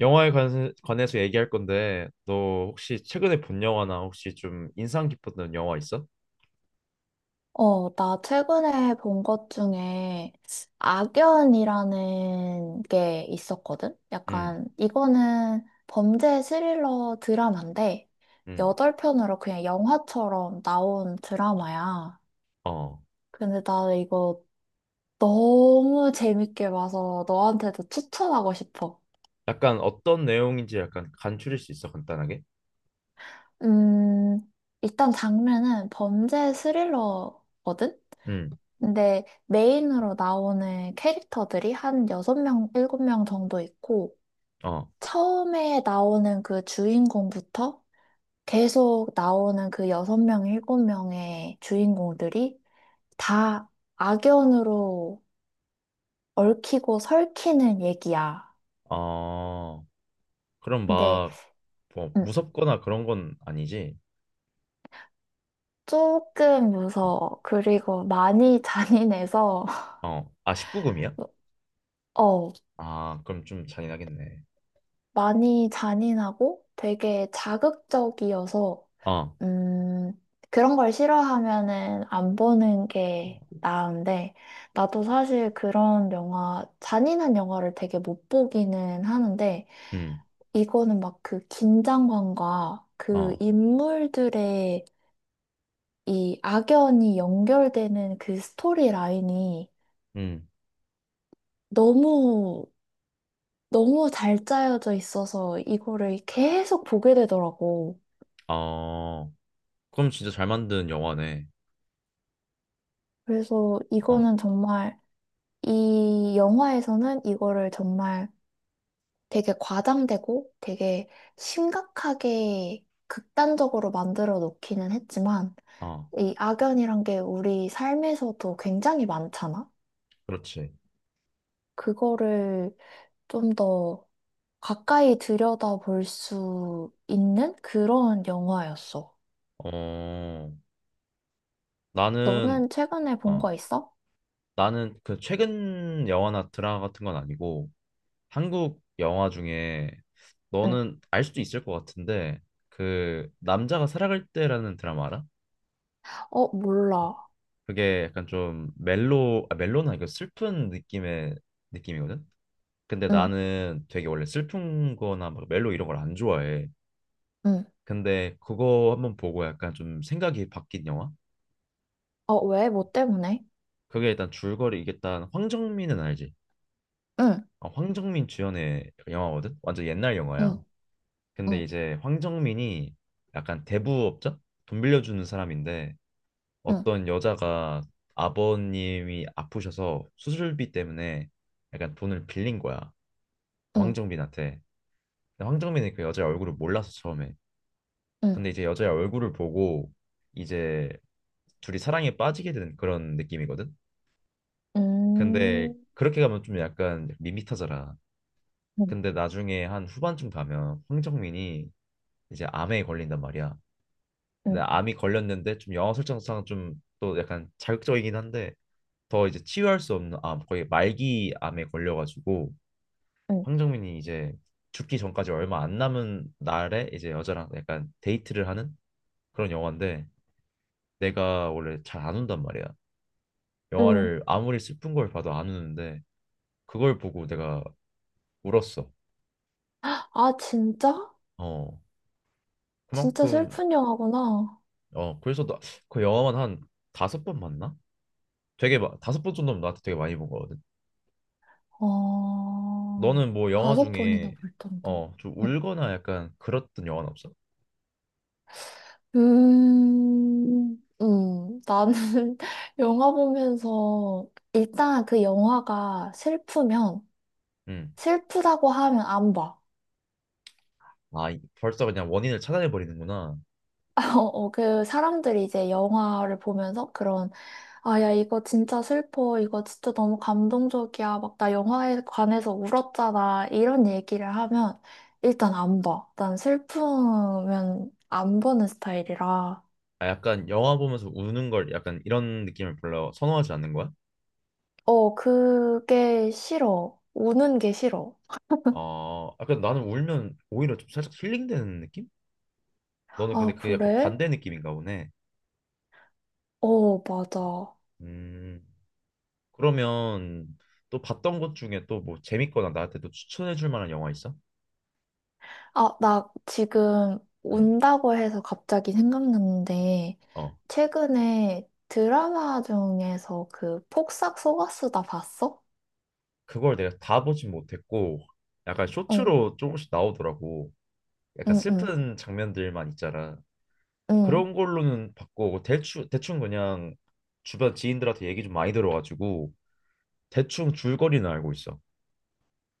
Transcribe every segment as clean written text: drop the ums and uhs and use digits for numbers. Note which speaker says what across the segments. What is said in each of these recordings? Speaker 1: 영화에 관해서 얘기할 건데, 너 혹시 최근에 본 영화나 혹시 좀 인상 깊었던 영화 있어?
Speaker 2: 어, 나 최근에 본 것 중에 악연이라는 게 있었거든?
Speaker 1: 응.
Speaker 2: 약간, 이거는 범죄 스릴러 드라마인데,
Speaker 1: 응.
Speaker 2: 여덟 편으로 그냥 영화처럼 나온 드라마야.
Speaker 1: 어.
Speaker 2: 근데 나 이거 너무 재밌게 봐서 너한테도 추천하고 싶어.
Speaker 1: 약간 어떤 내용인지 약간 간추릴 수 있어, 간단하게?
Speaker 2: 음, 일단 장르는 범죄 스릴러거든?
Speaker 1: 응.
Speaker 2: 근데 메인으로 나오는 캐릭터들이 한 6명, 7명 정도 있고,
Speaker 1: 어.
Speaker 2: 처음에 나오는 그 주인공부터 계속 나오는 그 6명, 7명의 주인공들이 다 악연으로 얽히고 설키는 얘기야.
Speaker 1: 어, 그럼
Speaker 2: 근데,
Speaker 1: 막, 뭐,
Speaker 2: 음,
Speaker 1: 무섭거나 그런 건 아니지?
Speaker 2: 조금
Speaker 1: 응.
Speaker 2: 무서워. 그리고 많이 잔인해서,
Speaker 1: 어, 아, 19금이야?
Speaker 2: 어,
Speaker 1: 아, 그럼 좀 잔인하겠네.
Speaker 2: 많이 잔인하고 되게 자극적이어서
Speaker 1: 어.
Speaker 2: 음, 그런 걸 싫어하면은 안 보는 게 나은데, 나도 사실 그런 영화, 잔인한 영화를 되게 못 보기는 하는데,
Speaker 1: 음.
Speaker 2: 이거는 막 그 긴장감과 그
Speaker 1: 어.
Speaker 2: 인물들의 이 악연이 연결되는 그 스토리 라인이
Speaker 1: 음.
Speaker 2: 너무, 너무 잘 짜여져 있어서 이거를 계속 보게 되더라고.
Speaker 1: 어. 그럼 진짜 잘 만든 영화네.
Speaker 2: 그래서
Speaker 1: 어.
Speaker 2: 이거는 정말 이 영화에서는 이거를 정말 되게 과장되고 되게 심각하게 극단적으로 만들어 놓기는 했지만
Speaker 1: 어.
Speaker 2: 이 악연이란 게 우리 삶에서도 굉장히 많잖아.
Speaker 1: 그렇지.
Speaker 2: 그거를 좀 더 가까이 들여다볼 수 있는 그런 영화였어.
Speaker 1: 어. 나는,
Speaker 2: 너는 최근에 본
Speaker 1: 어,
Speaker 2: 거 있어?
Speaker 1: 나는 그 최근 영화나 드라마 같은 건 아니고, 한국 영화 중에
Speaker 2: 응.
Speaker 1: 너는 알 수도 있을 것 같은데, 그 남자가 살아갈 때라는 드라마 알아?
Speaker 2: 어, 몰라.
Speaker 1: 그게 약간 좀 멜로, 아 멜로는 아니고 슬픈 느낌의 느낌이거든. 근데
Speaker 2: 응,
Speaker 1: 나는 되게 원래 슬픈 거나 막 멜로 이런 걸 안 좋아해.
Speaker 2: 응.
Speaker 1: 근데 그거 한번 보고 약간 좀 생각이 바뀐 영화?
Speaker 2: 어, 왜? 뭐 때문에?
Speaker 1: 그게 일단 줄거리, 이게 일단 황정민은 알지?
Speaker 2: 응,
Speaker 1: 아, 황정민 주연의 영화거든. 완전 옛날 영화야.
Speaker 2: 응,
Speaker 1: 근데
Speaker 2: 응,
Speaker 1: 이제 황정민이 약간 대부업자? 돈 빌려주는 사람인데,
Speaker 2: 응,
Speaker 1: 어떤 여자가 아버님이 아프셔서 수술비 때문에 약간 돈을 빌린 거야.
Speaker 2: 응,
Speaker 1: 황정민한테. 근데 황정민이 그 여자의 얼굴을 몰라서 처음에.
Speaker 2: 응.
Speaker 1: 근데 이제 여자의 얼굴을 보고 이제 둘이 사랑에 빠지게 되는 그런 느낌이거든. 근데
Speaker 2: 음,
Speaker 1: 그렇게 가면 좀 약간 밋밋하잖아.
Speaker 2: 음,
Speaker 1: 근데 나중에 한 후반쯤 가면 황정민이 이제 암에 걸린단 말이야. 근데
Speaker 2: 음,
Speaker 1: 암이 걸렸는데 좀 영화 설정상 좀 또 약간 자극적이긴 한데, 더 이제 치유할 수 없는 암, 거의 말기 암에 걸려가지고
Speaker 2: 음.
Speaker 1: 황정민이 이제 죽기 전까지 얼마 안 남은 날에 이제 여자랑 약간 데이트를 하는 그런 영화인데, 내가 원래 잘 안 운단 말이야.
Speaker 2: 음.
Speaker 1: 영화를 아무리 슬픈 걸 봐도 안 우는데 그걸 보고 내가 울었어.
Speaker 2: 아, 진짜?
Speaker 1: 어.
Speaker 2: 진짜
Speaker 1: 그만큼.
Speaker 2: 슬픈 영화구나.
Speaker 1: 어, 그래서 나, 그 영화만 한 다섯 번 봤나? 되게 다섯 번 정도면 나한테 되게 많이 본 거거든.
Speaker 2: 어,
Speaker 1: 너는 뭐 영화
Speaker 2: 다섯 번이나
Speaker 1: 중에,
Speaker 2: 볼 정도.
Speaker 1: 어, 좀
Speaker 2: 음,
Speaker 1: 울거나 약간 그랬던 영화는 없어?
Speaker 2: 나는 영화 보면서 일단 그 영화가 슬프면
Speaker 1: 음.
Speaker 2: 슬프다고 하면 안 봐.
Speaker 1: 아, 벌써 그냥 원인을 찾아내 버리는구나.
Speaker 2: 어, 그 사람들이 이제 영화를 보면서 그런 아, 야, 이거 진짜 슬퍼. 이거 진짜 너무 감동적이야. 막, 나 영화에 관해서 울었잖아. 이런 얘기를 하면, 일단 안 봐. 난 슬프면 안 보는 스타일이라.
Speaker 1: 아, 약간 영화 보면서 우는 걸, 약간 이런 느낌을 별로 선호하지 않는 거야?
Speaker 2: 어, 그게 싫어. 우는 게 싫어.
Speaker 1: 어, 약간 나는 울면 오히려 좀 살짝 힐링되는 느낌? 너는 근데
Speaker 2: 아,
Speaker 1: 그게 약간
Speaker 2: 그래?
Speaker 1: 반대 느낌인가 보네.
Speaker 2: 어, 맞아.
Speaker 1: 음. 그러면 또 봤던 것 중에 또 뭐 재밌거나 나한테 또 추천해 줄 만한 영화 있어?
Speaker 2: 아, 나 지금
Speaker 1: 음.
Speaker 2: 운다고 해서 갑자기 생각났는데,
Speaker 1: 어.
Speaker 2: 최근에 드라마 중에서 그 폭삭 속았수다 봤어?
Speaker 1: 그걸 내가 다 보진 못했고 약간
Speaker 2: 응,
Speaker 1: 쇼츠로 조금씩 나오더라고. 약간
Speaker 2: 응, 응.
Speaker 1: 슬픈 장면들만 있잖아.
Speaker 2: 응.
Speaker 1: 그런 걸로는 바꾸고 대충 대충 그냥 주변 지인들한테 얘기 좀 많이 들어가지고 대충 줄거리는 알고 있어.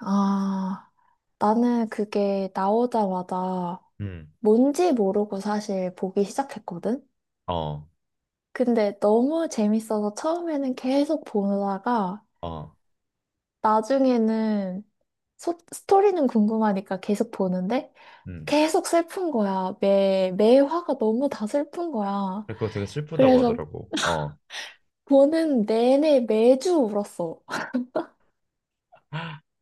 Speaker 2: 아, 나는 그게 나오자마자
Speaker 1: 음.
Speaker 2: 뭔지 모르고 사실 보기 시작했거든?
Speaker 1: 어.
Speaker 2: 근데 너무 재밌어서 처음에는 계속 보다가
Speaker 1: 어.
Speaker 2: 나중에는 스토리는 궁금하니까 계속 보는데
Speaker 1: 음.
Speaker 2: 계속 슬픈 거야. 매 화가 너무 다 슬픈 거야.
Speaker 1: 그거 되게 슬프다고
Speaker 2: 그래서
Speaker 1: 하더라고. 어.
Speaker 2: 보는 내내 매주 울었어.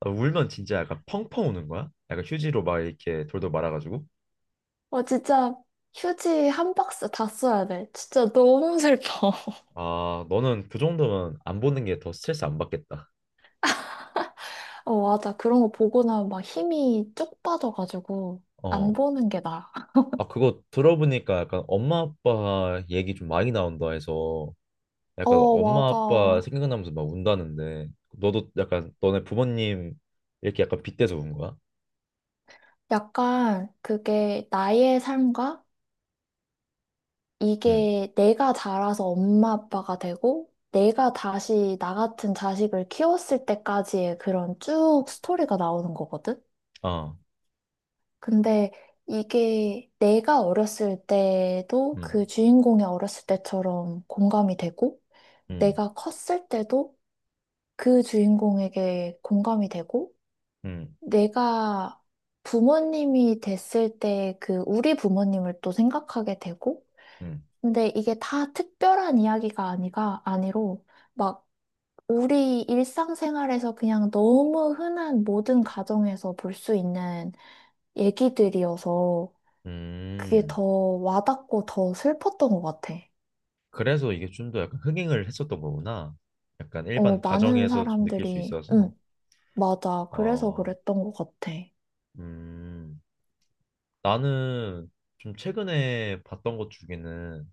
Speaker 1: 아, 울면 진짜 약간 펑펑 우는 거야? 약간 휴지로 막 이렇게 돌돌 말아가지고.
Speaker 2: 어, 진짜 휴지 한 박스 다 써야 돼. 진짜 너무 슬퍼.
Speaker 1: 아, 너는 그 정도면 안 보는 게 더 스트레스 안 받겠다.
Speaker 2: 어, 맞아. 그런 거 보고 나면 막 힘이 쭉 빠져가지고 안
Speaker 1: 어.
Speaker 2: 보는 게 나아.
Speaker 1: 아, 그거 들어보니까 약간 엄마 아빠 얘기 좀 많이 나온다 해서. 약간
Speaker 2: 어,
Speaker 1: 엄마 아빠
Speaker 2: 맞아.
Speaker 1: 생각나면서 막 운다는데 너도 약간 너네 부모님 이렇게 약간 빗대서 운 거야?
Speaker 2: 약간 그게 나의 삶과
Speaker 1: 응.
Speaker 2: 이게 내가 자라서 엄마 아빠가 되고 내가 다시 나 같은 자식을 키웠을 때까지의 그런 쭉 스토리가 나오는 거거든?
Speaker 1: 아.
Speaker 2: 근데 이게 내가 어렸을 때도
Speaker 1: 응.
Speaker 2: 그 주인공이 어렸을 때처럼 공감이 되고
Speaker 1: 응.
Speaker 2: 내가 컸을 때도 그 주인공에게 공감이 되고,
Speaker 1: 응.
Speaker 2: 내가 부모님이 됐을 때 그 우리 부모님을 또 생각하게 되고,
Speaker 1: 응.
Speaker 2: 근데 이게 다 특별한 이야기가 아니가 아니로, 막 우리 일상생활에서 그냥 너무 흔한 모든 가정에서 볼 수 있는 얘기들이어서 그게 더
Speaker 1: 음.
Speaker 2: 와닿고 더 슬펐던 것 같아.
Speaker 1: 그래서 이게 좀 더 약간 흥행을 했었던 거구나. 약간
Speaker 2: 어,
Speaker 1: 일반
Speaker 2: 많은
Speaker 1: 가정에서 좀 느낄 수
Speaker 2: 사람들이,
Speaker 1: 있어서.
Speaker 2: 응, 맞아. 그래서
Speaker 1: 아.
Speaker 2: 그랬던 것 같아.
Speaker 1: 음. 나는 좀 최근에 봤던 것 중에는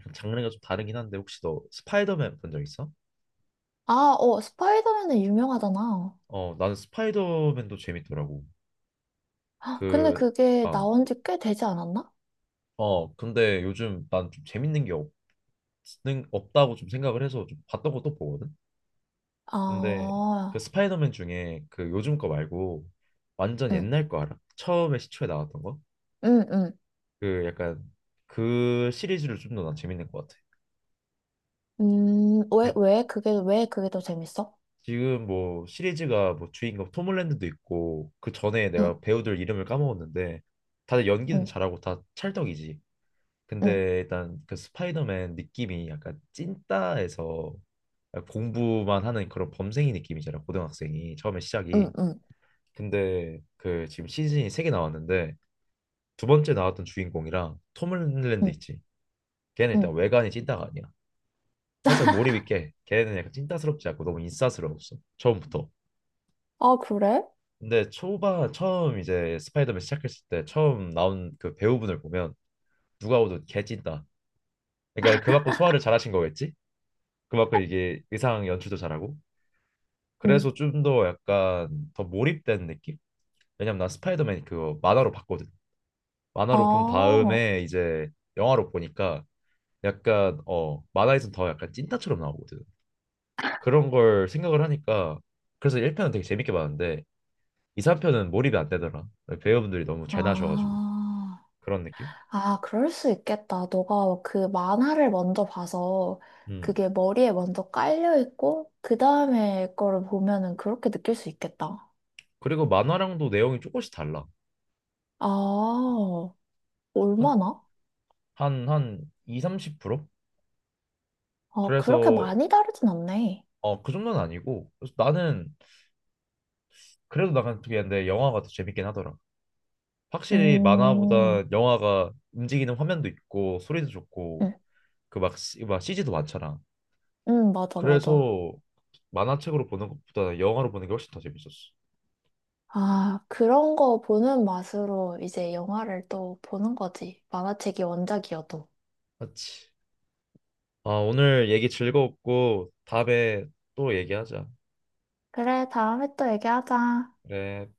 Speaker 1: 약간 장르가 좀 다르긴 한데, 혹시 너 스파이더맨 본 적 있어?
Speaker 2: 아, 어, 스파이더맨은 유명하잖아.
Speaker 1: 어, 나는 스파이더맨도 재밌더라고.
Speaker 2: 아, 근데
Speaker 1: 그
Speaker 2: 그게
Speaker 1: 아,
Speaker 2: 나온 지 꽤 되지 않았나?
Speaker 1: 어, 근데 요즘 난 좀 재밌는 게 없다고 좀 생각을 해서 좀 봤던 것도 보거든? 근데 그
Speaker 2: 아,
Speaker 1: 스파이더맨 중에 그 요즘 거 말고 완전
Speaker 2: 응,
Speaker 1: 옛날 거 알아? 처음에 시초에 나왔던 거?
Speaker 2: 응, 응.
Speaker 1: 그 약간 그 시리즈를 좀 더 난 재밌는 것 같아. 그리고
Speaker 2: 왜 그게 더 재밌어?
Speaker 1: 지금 뭐 시리즈가, 뭐 주인공 톰 홀랜드도 있고, 그 전에
Speaker 2: 응,
Speaker 1: 내가 배우들 이름을 까먹었는데 다들 연기는
Speaker 2: 응,
Speaker 1: 잘하고 다 찰떡이지.
Speaker 2: 응,
Speaker 1: 근데 일단 그 스파이더맨 느낌이 약간 찐따에서 공부만 하는 그런 범생이 느낌이잖아, 고등학생이 처음에 시작이.
Speaker 2: 응, 응,
Speaker 1: 근데 그 지금 시즌이 세 개 나왔는데, 두 번째 나왔던 주인공이랑 톰 h 랜드
Speaker 2: 응,
Speaker 1: 있지, 걔는
Speaker 2: 응.
Speaker 1: 일단 외관이 찐따가 아니야. 살짝 몰입 있게, 걔는 약간 찐따스럽지 않고 너무 인싸스러웠어, 처음부터.
Speaker 2: 아, 그래?
Speaker 1: 근데 초반 처음 이제 스파이더맨 시작했을 때 처음 나온 그 배우분을 보면 누가 봐도 개 찐따. 그러니까 그 받고 소화를 잘하신 거겠지. 그만큼 이게 의상 연출도 잘하고,
Speaker 2: 응.
Speaker 1: 그래서 좀 더 약간 더 몰입된 느낌? 왜냐면 난 스파이더맨 그거 만화로 봤거든.
Speaker 2: 아,
Speaker 1: 만화로 본 다음에 이제 영화로 보니까 약간, 어, 만화에선 더 약간 찐따처럼 나오거든. 그런 걸 생각을 하니까, 그래서 1편은 되게 재밌게 봤는데 2, 3편은 몰입이 안 되더라. 배우분들이 너무 잘 나셔가지고
Speaker 2: 아,
Speaker 1: 그런 느낌?
Speaker 2: 아, 그럴 수 있겠다. 너가 그 만화를 먼저 봐서
Speaker 1: 음.
Speaker 2: 그게 머리에 먼저 깔려 있고, 그 다음에 거를 보면은 그렇게 느낄 수 있겠다.
Speaker 1: 그리고 만화랑도 내용이 조금씩 달라.
Speaker 2: 아,
Speaker 1: 한,
Speaker 2: 얼마나?
Speaker 1: 한 2, 30%?
Speaker 2: 어, 그렇게
Speaker 1: 그래서,
Speaker 2: 많이 다르진 않네.
Speaker 1: 어, 그 정도는 아니고, 그래서 나는 그래도 나간 쪽이었는데 영화가 더 재밌긴 하더라. 확실히
Speaker 2: 음,
Speaker 1: 만화보다 영화가 움직이는 화면도 있고 소리도 좋고
Speaker 2: 응
Speaker 1: 그막 막 CG도 많잖아.
Speaker 2: 응 맞아, 맞아.
Speaker 1: 그래서 만화책으로 보는 것보다 영화로 보는 게 훨씬 더 재밌었어.
Speaker 2: 아, 그런 거 보는 맛으로 이제 영화를 또 보는 거지. 만화책이 원작이어도.
Speaker 1: 맞지. 아, 오늘 얘기 즐거웠고 다음에 또 얘기하자.
Speaker 2: 그래, 다음에 또 얘기하자.
Speaker 1: 그래.